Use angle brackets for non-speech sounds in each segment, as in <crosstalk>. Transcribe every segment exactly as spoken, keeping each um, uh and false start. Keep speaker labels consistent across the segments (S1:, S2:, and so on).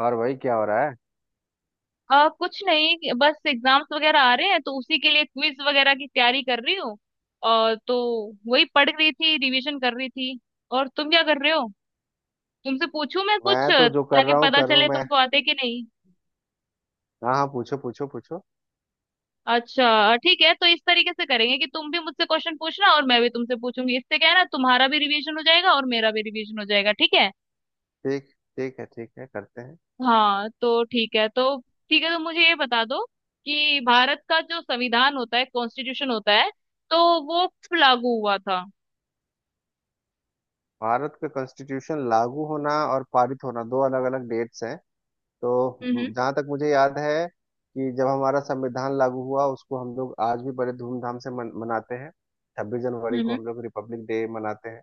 S1: और भाई क्या हो रहा है?
S2: आ, कुछ नहीं, बस एग्जाम्स वगैरह आ रहे हैं, तो उसी के लिए क्विज वगैरह की तैयारी कर रही हूँ। और तो वही पढ़ रही थी, रिवीजन कर रही थी। और तुम क्या कर रहे हो? तुमसे पूछूं मैं कुछ,
S1: मैं तो जो कर
S2: ताकि
S1: रहा हूँ
S2: पता
S1: कर रहा हूँ
S2: चले
S1: मैं।
S2: तुमको आते कि नहीं।
S1: हाँ हाँ, पूछो पूछो पूछो।
S2: अच्छा, ठीक है, तो इस तरीके से करेंगे कि तुम भी मुझसे क्वेश्चन पूछना और मैं भी तुमसे पूछूंगी। इससे क्या है ना, तुम्हारा भी रिवीजन हो जाएगा और मेरा भी रिवीजन हो जाएगा, ठीक है?
S1: ठीक ठीक है, ठीक है, करते हैं।
S2: हाँ, तो ठीक है तो ठीक है तो मुझे ये बता दो कि भारत का जो संविधान होता है, कॉन्स्टिट्यूशन होता है, तो वो कब लागू हुआ था?
S1: भारत का कॉन्स्टिट्यूशन लागू होना और पारित होना दो अलग अलग डेट्स हैं। तो
S2: हम्म।
S1: जहाँ तक मुझे याद है कि जब हमारा संविधान लागू हुआ, उसको हम लोग आज भी बड़े धूमधाम से मन, मनाते हैं। छब्बीस जनवरी को
S2: हम्म।
S1: हम लोग रिपब्लिक डे मनाते हैं।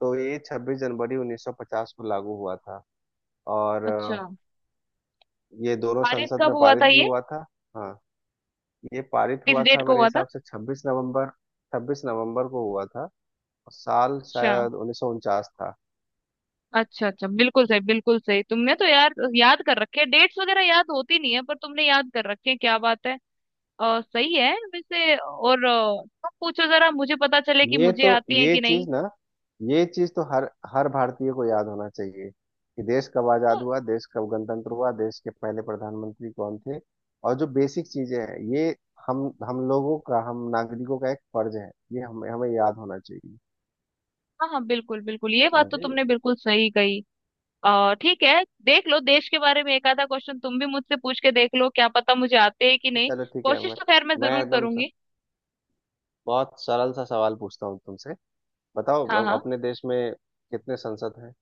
S1: तो ये छब्बीस जनवरी उन्नीस सौ पचास को लागू हुआ था। और
S2: अच्छा।
S1: अ, ये दोनों
S2: पारित
S1: संसद
S2: कब
S1: में
S2: हुआ
S1: पारित
S2: था
S1: भी
S2: ये?
S1: हुआ था। हाँ, ये पारित
S2: किस
S1: हुआ
S2: डेट
S1: था
S2: को
S1: मेरे
S2: हुआ था?
S1: हिसाब से छब्बीस नवंबर। छब्बीस नवंबर को हुआ था। और साल
S2: अच्छा,
S1: शायद उन्नीस सौ उनचास था।
S2: अच्छा, अच्छा। बिल्कुल सही, बिल्कुल सही। तुमने तो यार याद कर रखे, डेट्स वगैरह याद होती नहीं है पर तुमने याद कर रखे हैं, क्या बात है। और सही है वैसे, और अ, तुम पूछो जरा, मुझे पता चले कि
S1: ये
S2: मुझे
S1: तो,
S2: आती है
S1: ये
S2: कि नहीं।
S1: चीज ना, ये चीज तो हर हर भारतीय को याद होना चाहिए कि देश कब
S2: तो
S1: आजाद हुआ, देश कब गणतंत्र हुआ, देश के पहले प्रधानमंत्री कौन थे। और जो बेसिक चीजें हैं ये, हम हम लोगों का, हम नागरिकों का एक फर्ज है। ये हमें हमें याद होना चाहिए।
S2: हाँ हाँ, बिल्कुल बिल्कुल, ये बात तो
S1: समझे?
S2: तुमने बिल्कुल सही कही। अ, ठीक है, देख लो, देश के बारे में एक आधा क्वेश्चन तुम भी मुझसे पूछ के देख लो, क्या पता मुझे आते हैं कि नहीं।
S1: चलो ठीक है।
S2: कोशिश
S1: मैं
S2: तो खैर मैं
S1: मैं
S2: जरूर
S1: एकदम स-
S2: करूंगी।
S1: बहुत सरल सा सवाल पूछता हूँ तुमसे। बताओ,
S2: हाँ
S1: अब
S2: हाँ।
S1: अपने देश में कितने सांसद हैं?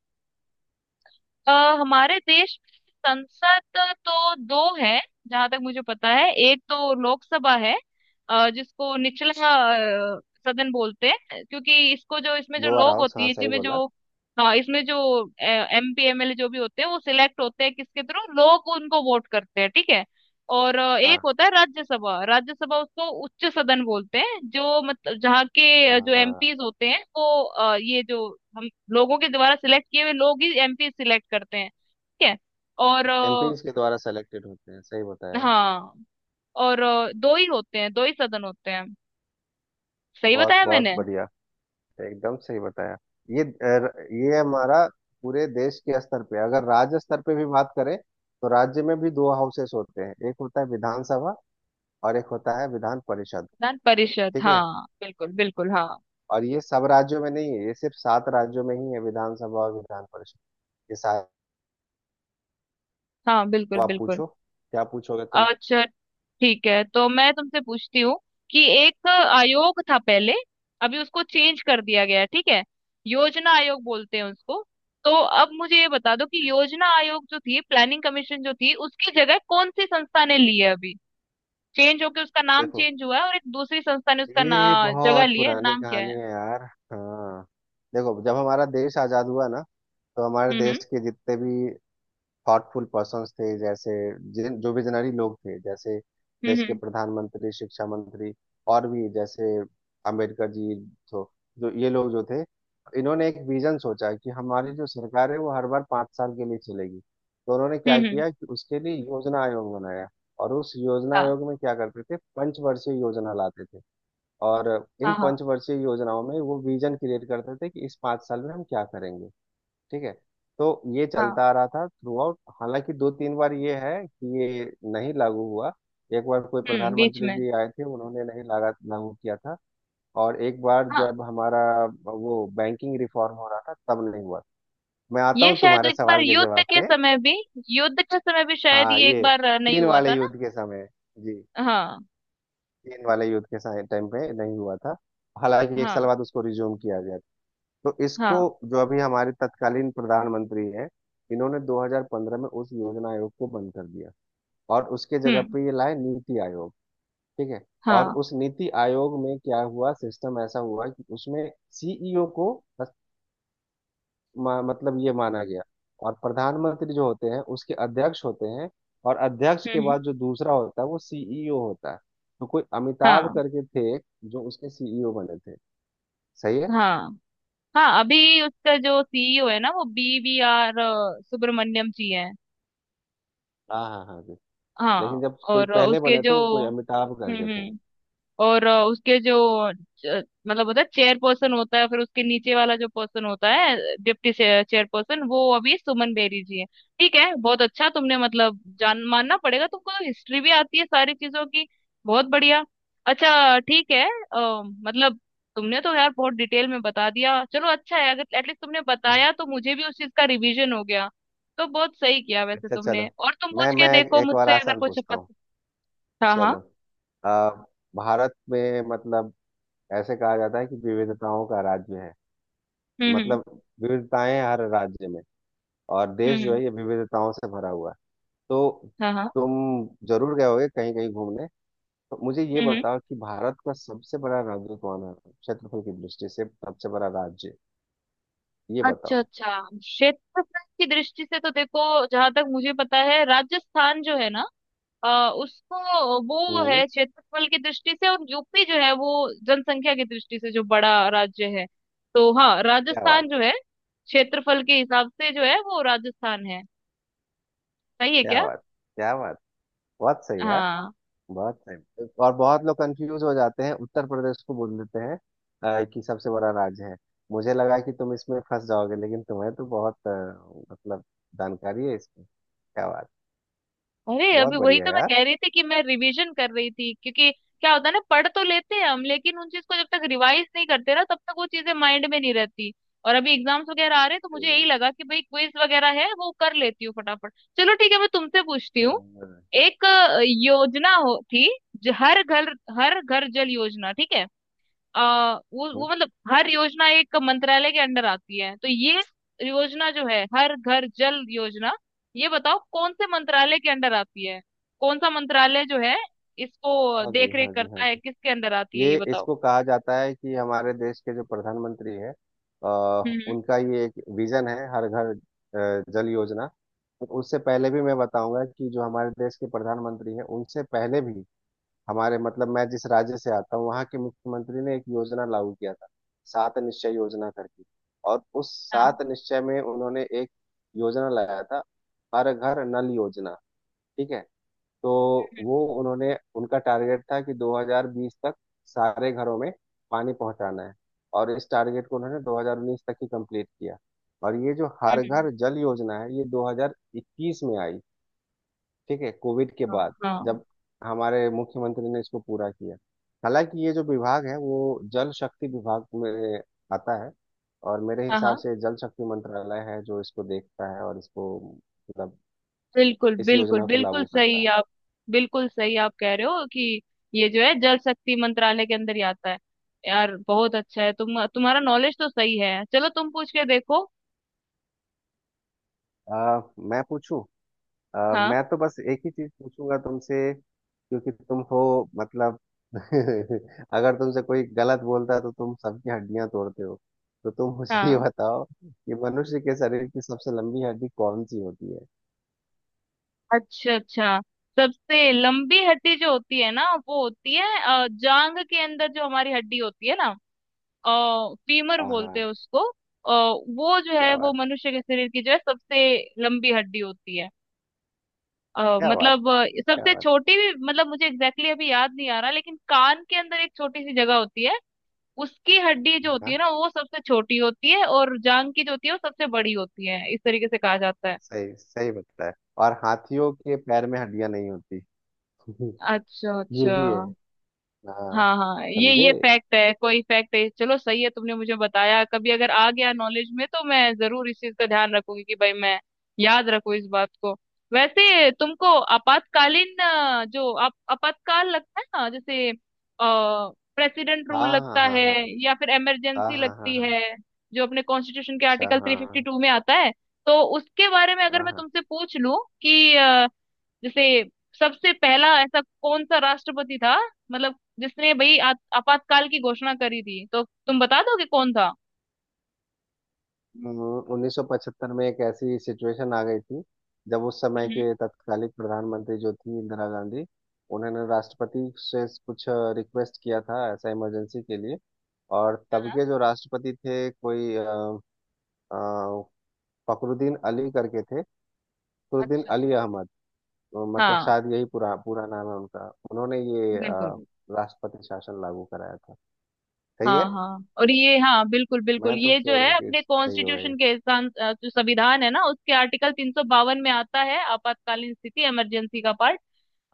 S2: अ, हमारे देश में संसद तो दो है, जहां तक मुझे पता है। एक तो लोकसभा है, अ, जिसको निचला अ, सदन बोलते हैं, क्योंकि इसको जो इसमें जो
S1: लोअर
S2: लोग
S1: हाउस,
S2: होती
S1: हाँ,
S2: है
S1: सही
S2: जिसमें
S1: बोला।
S2: जो, हाँ, इसमें जो एमपी एमएलए जो भी होते हैं, वो सिलेक्ट होते हैं, किसके थ्रू? लोग उनको वोट करते हैं, ठीक है। और अ, एक
S1: हाँ
S2: होता है राज्यसभा। राज्यसभा उसको उच्च सदन बोलते हैं, जो मतलब जहाँ के अ, जो
S1: हाँ,
S2: एमपीज होते हैं वो अ, ये जो हम लोगों के द्वारा सिलेक्ट किए हुए लोग ही एमपी सिलेक्ट करते हैं, ठीक है। और अ,
S1: एमपीज के द्वारा सेलेक्टेड होते हैं, सही बताया।
S2: हाँ। और अ, दो ही होते हैं, दो ही सदन होते हैं, सही
S1: बहुत
S2: बताया
S1: बहुत
S2: मैंने।
S1: बढ़िया, एकदम सही बताया। ये अ, ये हमारा पूरे देश के स्तर पे, अगर राज्य स्तर पे भी बात करें, तो राज्य में भी दो हाउसेस होते हैं। एक होता है विधानसभा और एक होता है विधान परिषद।
S2: विधान परिषद,
S1: ठीक है।
S2: हाँ बिल्कुल बिल्कुल। हाँ
S1: और ये सब राज्यों में नहीं है, ये सिर्फ सात राज्यों में ही है विधानसभा और विधान परिषद, ये सात।
S2: हाँ बिल्कुल
S1: अब आप
S2: बिल्कुल।
S1: पूछो। क्या पूछोगे तुम?
S2: अच्छा, ठीक है, तो मैं तुमसे पूछती हूँ कि एक आयोग था पहले, अभी उसको चेंज कर दिया गया है, ठीक है। योजना आयोग बोलते हैं उसको। तो अब मुझे ये बता दो कि योजना आयोग जो थी, प्लानिंग कमीशन जो थी, उसकी जगह कौन सी संस्था ने ली है अभी? चेंज होके उसका नाम
S1: देखो,
S2: चेंज हुआ है और एक दूसरी संस्था ने उसका
S1: ये
S2: ना, जगह
S1: बहुत
S2: ली है,
S1: पुरानी
S2: नाम क्या
S1: कहानी
S2: है?
S1: है यार। हाँ, देखो, जब हमारा देश आजाद हुआ ना, तो हमारे
S2: हम्म। हम्म।
S1: देश के जितने भी थॉटफुल पर्सन्स थे, जैसे जिन जो विजनरी लोग थे, जैसे देश के
S2: हम्म।
S1: प्रधानमंत्री, शिक्षा मंत्री, और भी जैसे अंबेडकर जी, जो जो ये लोग जो थे, इन्होंने एक विजन सोचा कि हमारी जो सरकार है वो हर बार पाँच साल के लिए चलेगी, तो उन्होंने
S2: हम्म।
S1: क्या
S2: हम्म। हम्म।
S1: किया कि उसके लिए योजना आयोग बनाया। और उस योजना
S2: हाँ
S1: आयोग में क्या करते थे, पंचवर्षीय योजना लाते थे। और इन
S2: हाँ हाँ
S1: पंचवर्षीय योजनाओं में वो विजन क्रिएट करते थे कि इस पाँच साल में हम क्या करेंगे। ठीक है। तो ये चलता
S2: हाँ।
S1: आ रहा था थ्रू आउट, हालांकि दो तीन बार ये है कि ये नहीं लागू हुआ। एक बार कोई
S2: हम्म, बीच
S1: प्रधानमंत्री
S2: में।
S1: जी आए थे, उन्होंने नहीं लगा लागू किया था। और एक बार
S2: हाँ।
S1: जब हमारा वो बैंकिंग रिफॉर्म हो रहा था, तब नहीं हुआ। मैं आता
S2: ये
S1: हूँ
S2: शायद
S1: तुम्हारे
S2: एक बार
S1: सवाल के
S2: युद्ध
S1: जवाब
S2: के
S1: पे।
S2: समय भी युद्ध के समय भी शायद
S1: हाँ,
S2: ये एक
S1: ये
S2: बार अ, नहीं
S1: चीन
S2: हुआ
S1: वाले
S2: था ना।
S1: युद्ध के समय, जी,
S2: हाँ
S1: चीन वाले युद्ध के टाइम पे नहीं हुआ था। हालांकि एक साल
S2: हाँ
S1: बाद उसको रिज्यूम किया गया। तो इसको,
S2: हाँ।
S1: जो अभी हमारे तत्कालीन प्रधानमंत्री हैं, इन्होंने दो हज़ार पंद्रह में उस योजना आयोग को बंद कर दिया और उसके जगह
S2: हम्म।
S1: पे ये लाए नीति आयोग। ठीक है। और
S2: हाँ।
S1: उस नीति आयोग में क्या हुआ, सिस्टम ऐसा हुआ कि उसमें सीईओ को बस- म- मतलब ये माना गया। और प्रधानमंत्री जो होते हैं उसके अध्यक्ष होते हैं। और अध्यक्ष के
S2: हम्म।
S1: बाद जो दूसरा होता है वो सीईओ होता है। तो कोई अमिताभ
S2: हाँ
S1: करके थे जो उसके सीईओ बने थे। सही है।
S2: हाँ हाँ। अभी उसका जो सीईओ है ना, वो B V R Subrahmanyam ji है।
S1: हाँ हाँ हाँ, लेकिन
S2: हाँ।
S1: जब कोई
S2: और
S1: पहले
S2: उसके
S1: बने थे,
S2: जो
S1: वो कोई अमिताभ
S2: हम्म
S1: करके थे।
S2: हम्म और अ, उसके जो च- मतलब होता है चेयर पर्सन होता है, फिर उसके नीचे वाला जो पर्सन होता है डिप्टी चेयर पर्सन, वो अभी सुमन बेरी जी है। ठीक है, बहुत अच्छा, तुमने मतलब जान, मानना पड़ेगा तुमको तो, हिस्ट्री भी आती है सारी चीजों की, बहुत बढ़िया। अच्छा, ठीक है, अ, मतलब तुमने तो यार बहुत डिटेल में बता दिया, चलो अच्छा है, अगर एटलीस्ट तुमने बताया तो
S1: <laughs>
S2: मुझे भी उस चीज का रिवीजन हो गया। तो बहुत सही किया वैसे
S1: अच्छा चलो,
S2: तुमने, और तुम
S1: मैं
S2: पूछ के
S1: मैं
S2: देखो
S1: एक और
S2: मुझसे, अगर
S1: आसान
S2: कुछ
S1: पूछता हूँ।
S2: पता। हाँ हाँ।
S1: चलो, आ, भारत में, मतलब ऐसे कहा जाता है कि विविधताओं का राज्य है,
S2: हम्म हम्म
S1: मतलब विविधताएं हर राज्य में और देश
S2: हम्म
S1: जो
S2: हम्म।
S1: है ये विविधताओं से भरा हुआ है। तो
S2: हाँ हाँ।
S1: तुम जरूर गए होगे कहीं कहीं घूमने। तो मुझे ये
S2: हम्म हम्म।
S1: बताओ कि भारत का सबसे बड़ा राज्य कौन है? क्षेत्रफल की दृष्टि से सबसे बड़ा राज्य, ये
S2: अच्छा
S1: बताओ।
S2: अच्छा, क्षेत्रफल की दृष्टि से तो देखो, जहां तक मुझे पता है, राजस्थान जो है ना, अ, उसको वो
S1: हम्म
S2: है क्षेत्रफल की दृष्टि से। और यूपी जो है वो जनसंख्या की दृष्टि से जो बड़ा राज्य है। तो हाँ,
S1: क्या
S2: राजस्थान
S1: बात,
S2: जो है क्षेत्रफल के हिसाब से, जो है वो राजस्थान है। सही है
S1: क्या
S2: क्या?
S1: बात, क्या बात, बहुत सही है।
S2: हाँ।
S1: बहुत सही। और बहुत लोग कंफ्यूज हो जाते हैं, उत्तर प्रदेश को बोल देते हैं अ, कि सबसे बड़ा राज्य है। मुझे लगा कि तुम इसमें फंस जाओगे, लेकिन तुम्हें तो बहुत अ, मतलब जानकारी है इसमें, क्या बात।
S2: अरे,
S1: बहुत
S2: अभी वही
S1: बढ़िया
S2: तो मैं
S1: यार।
S2: कह रही थी कि मैं रिवीजन कर रही थी, क्योंकि क्या होता है ना, पढ़ तो लेते हैं हम, लेकिन उन चीज को जब तक रिवाइज नहीं करते ना, तब तक वो चीजें माइंड में नहीं रहती। और अभी एग्जाम्स वगैरह आ रहे हैं, तो मुझे यही
S1: तो,
S2: लगा कि भाई, क्विज वगैरह है वो कर लेती हूँ फटाफट। चलो ठीक है, मैं तुमसे पूछती
S1: अ,
S2: हूँ। एक अ, योजना हो थी, जो हर घर हर घर जल योजना, ठीक है। आ, वो वो मतलब हर योजना एक मंत्रालय के अंडर आती है, तो ये योजना जो है हर घर जल योजना, ये बताओ कौन से मंत्रालय के अंडर आती है, कौन सा मंत्रालय जो है इसको
S1: हाँ जी,
S2: देख रेख
S1: हाँ जी, हाँ
S2: करता है,
S1: जी।
S2: किसके अंदर आती है, ये
S1: ये
S2: बताओ।
S1: इसको कहा जाता है कि हमारे देश के जो प्रधानमंत्री हैं, अ,
S2: हम्म।
S1: उनका ये एक विजन है, हर घर अ, जल योजना। उससे पहले भी मैं बताऊंगा कि जो हमारे देश के प्रधानमंत्री हैं उनसे पहले भी हमारे, मतलब मैं जिस राज्य से आता हूँ, वहाँ के मुख्यमंत्री ने एक योजना लागू किया था, सात निश्चय योजना करके। और उस
S2: हाँ।
S1: सात निश्चय में उन्होंने एक योजना लाया था, हर घर नल योजना। ठीक है। तो
S2: हम्म
S1: वो उन्होंने, उनका टारगेट था कि दो हज़ार बीस तक सारे घरों में पानी पहुंचाना है। और इस टारगेट को उन्होंने दो हज़ार उन्नीस तक ही कंप्लीट किया। और ये जो हर
S2: हम्म।
S1: घर जल योजना है ये दो हज़ार इक्कीस में आई। ठीक है, कोविड के
S2: हाँ
S1: बाद
S2: हाँ
S1: जब हमारे मुख्यमंत्री ने इसको पूरा किया। हालांकि ये जो विभाग है वो जल शक्ति विभाग में आता है, और मेरे
S2: हाँ हाँ,
S1: हिसाब से जल शक्ति मंत्रालय है जो इसको देखता है और इसको, मतलब
S2: बिल्कुल
S1: इस
S2: बिल्कुल,
S1: योजना को
S2: बिल्कुल
S1: लागू करता
S2: सही
S1: है।
S2: आप। बिल्कुल सही आप कह रहे हो कि ये जो है जल शक्ति मंत्रालय के अंदर ही आता है। यार बहुत अच्छा है, तुम तुम्हारा नॉलेज तो सही है, चलो तुम पूछ के देखो।
S1: आ, मैं पूछूं। अ,
S2: हाँ
S1: मैं तो बस एक ही चीज पूछूंगा तुमसे, क्योंकि तुम हो, मतलब, <laughs> अगर तुमसे कोई गलत बोलता है तो तुम सबकी हड्डियां तोड़ते हो, तो तुम मुझे
S2: हाँ।
S1: ये बताओ कि मनुष्य के शरीर की सबसे लंबी हड्डी कौन सी होती है।
S2: अच्छा अच्छा, सबसे लंबी हड्डी जो होती है ना, वो होती है अ, जांग के अंदर जो हमारी हड्डी होती है ना, फीमर
S1: हाँ
S2: बोलते हैं
S1: हाँ,
S2: उसको। अ, वो जो है,
S1: क्या
S2: वो
S1: बात है,
S2: मनुष्य के शरीर की जो है सबसे लंबी हड्डी होती है। अ,
S1: क्या बात,
S2: मतलब अ,
S1: क्या
S2: सबसे
S1: बात।
S2: छोटी भी, मतलब मुझे एग्जैक्टली exactly अभी याद नहीं आ रहा, लेकिन कान के अंदर एक छोटी सी जगह होती है, उसकी हड्डी जो होती है
S1: हाँ,
S2: ना, वो सबसे छोटी होती है। और जांग की जो होती है वो सबसे बड़ी होती है, इस तरीके से कहा जाता है।
S1: सही सही बताया है। और हाथियों के पैर में हड्डियां नहीं होती। <laughs>
S2: अच्छा
S1: ये
S2: अच्छा।
S1: भी है, हाँ।
S2: हाँ हाँ, ये
S1: समझे?
S2: ये फैक्ट है, कोई फैक्ट है, चलो सही है। तुमने मुझे बताया, कभी अगर आ गया नॉलेज में तो मैं जरूर इस चीज का ध्यान रखूंगी कि भाई, मैं याद रखूं इस बात को। वैसे तुमको आपातकालीन, अ, जो आप आपातकाल लगता है ना, जैसे प्रेसिडेंट रूल
S1: हाँ
S2: लगता
S1: हाँ
S2: है,
S1: हाँ
S2: या फिर
S1: हाँ
S2: इमरजेंसी
S1: हाँ, हाँ हाँ
S2: लगती
S1: हाँ।
S2: है, जो अपने कॉन्स्टिट्यूशन के
S1: अच्छा,
S2: आर्टिकल थ्री फिफ्टी
S1: हाँ,
S2: टू में आता है, तो उसके बारे में अगर
S1: हाँ
S2: मैं
S1: हाँ।
S2: तुमसे पूछ लूं कि जैसे सबसे पहला ऐसा कौन सा राष्ट्रपति था, मतलब जिसने भाई आ- आपातकाल की घोषणा करी थी, तो तुम बता दोगे कौन था?
S1: हम्म, उन्नीस सौ पचहत्तर में एक ऐसी सिचुएशन आ गई थी जब उस समय
S2: हम्म।
S1: के तत्कालीन प्रधानमंत्री जो थी, इंदिरा गांधी, उन्होंने राष्ट्रपति से कुछ रिक्वेस्ट किया था ऐसा, इमरजेंसी के लिए। और तब
S2: हाँ।
S1: के जो राष्ट्रपति थे, कोई अ, अ, फखरुद्दीन अली करके थे, फखरुद्दीन
S2: अच्छा अच्छा।
S1: अली अहमद। तो मतलब
S2: हाँ
S1: शायद यही पूरा पूरा नाम है उनका। उन्होंने ये
S2: बिल्कुल।
S1: अ, राष्ट्रपति शासन लागू कराया था। सही
S2: हाँ
S1: है।
S2: हाँ, और ये हाँ, बिल्कुल बिल्कुल,
S1: मैं तो
S2: ये जो
S1: श्योर
S2: है
S1: हूँ कि
S2: अपने
S1: सही होगा ये।
S2: कॉन्स्टिट्यूशन के सं- अ, जो संविधान है ना, उसके आर्टिकल तीन सौ बावन में आता है आपातकालीन स्थिति इमरजेंसी का पार्ट।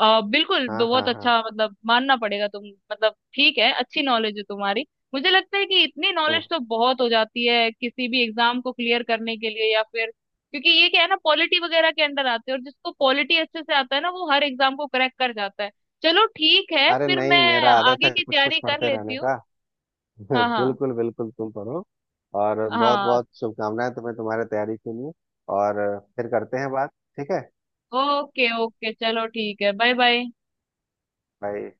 S2: आ, बिल्कुल,
S1: हाँ
S2: बहुत
S1: हाँ हाँ।
S2: अच्छा, मतलब मानना पड़ेगा तुम। मतलब ठीक है, अच्छी नॉलेज है तुम्हारी। मुझे लगता है कि इतनी
S1: तुम।
S2: नॉलेज तो बहुत हो जाती है किसी भी एग्जाम को क्लियर करने के लिए, या फिर, क्योंकि ये क्या है ना, पॉलिटी वगैरह के अंडर आते हैं, और जिसको पॉलिटी अच्छे से आता है ना, वो हर एग्जाम को क्रैक कर जाता है। चलो ठीक है,
S1: अरे
S2: फिर
S1: नहीं,
S2: मैं
S1: मेरा आदत
S2: आगे
S1: है
S2: की
S1: कुछ कुछ
S2: तैयारी कर
S1: पढ़ते
S2: लेती
S1: रहने
S2: हूँ।
S1: का। <laughs>
S2: हाँ हाँ
S1: बिल्कुल बिल्कुल, तुम पढ़ो। और बहुत
S2: हाँ।
S1: बहुत शुभकामनाएं तुम्हें तुम्हारे तैयारी के लिए। और फिर करते हैं बात। ठीक है
S2: ओके ओके, चलो ठीक है, बाय बाय।
S1: भाई।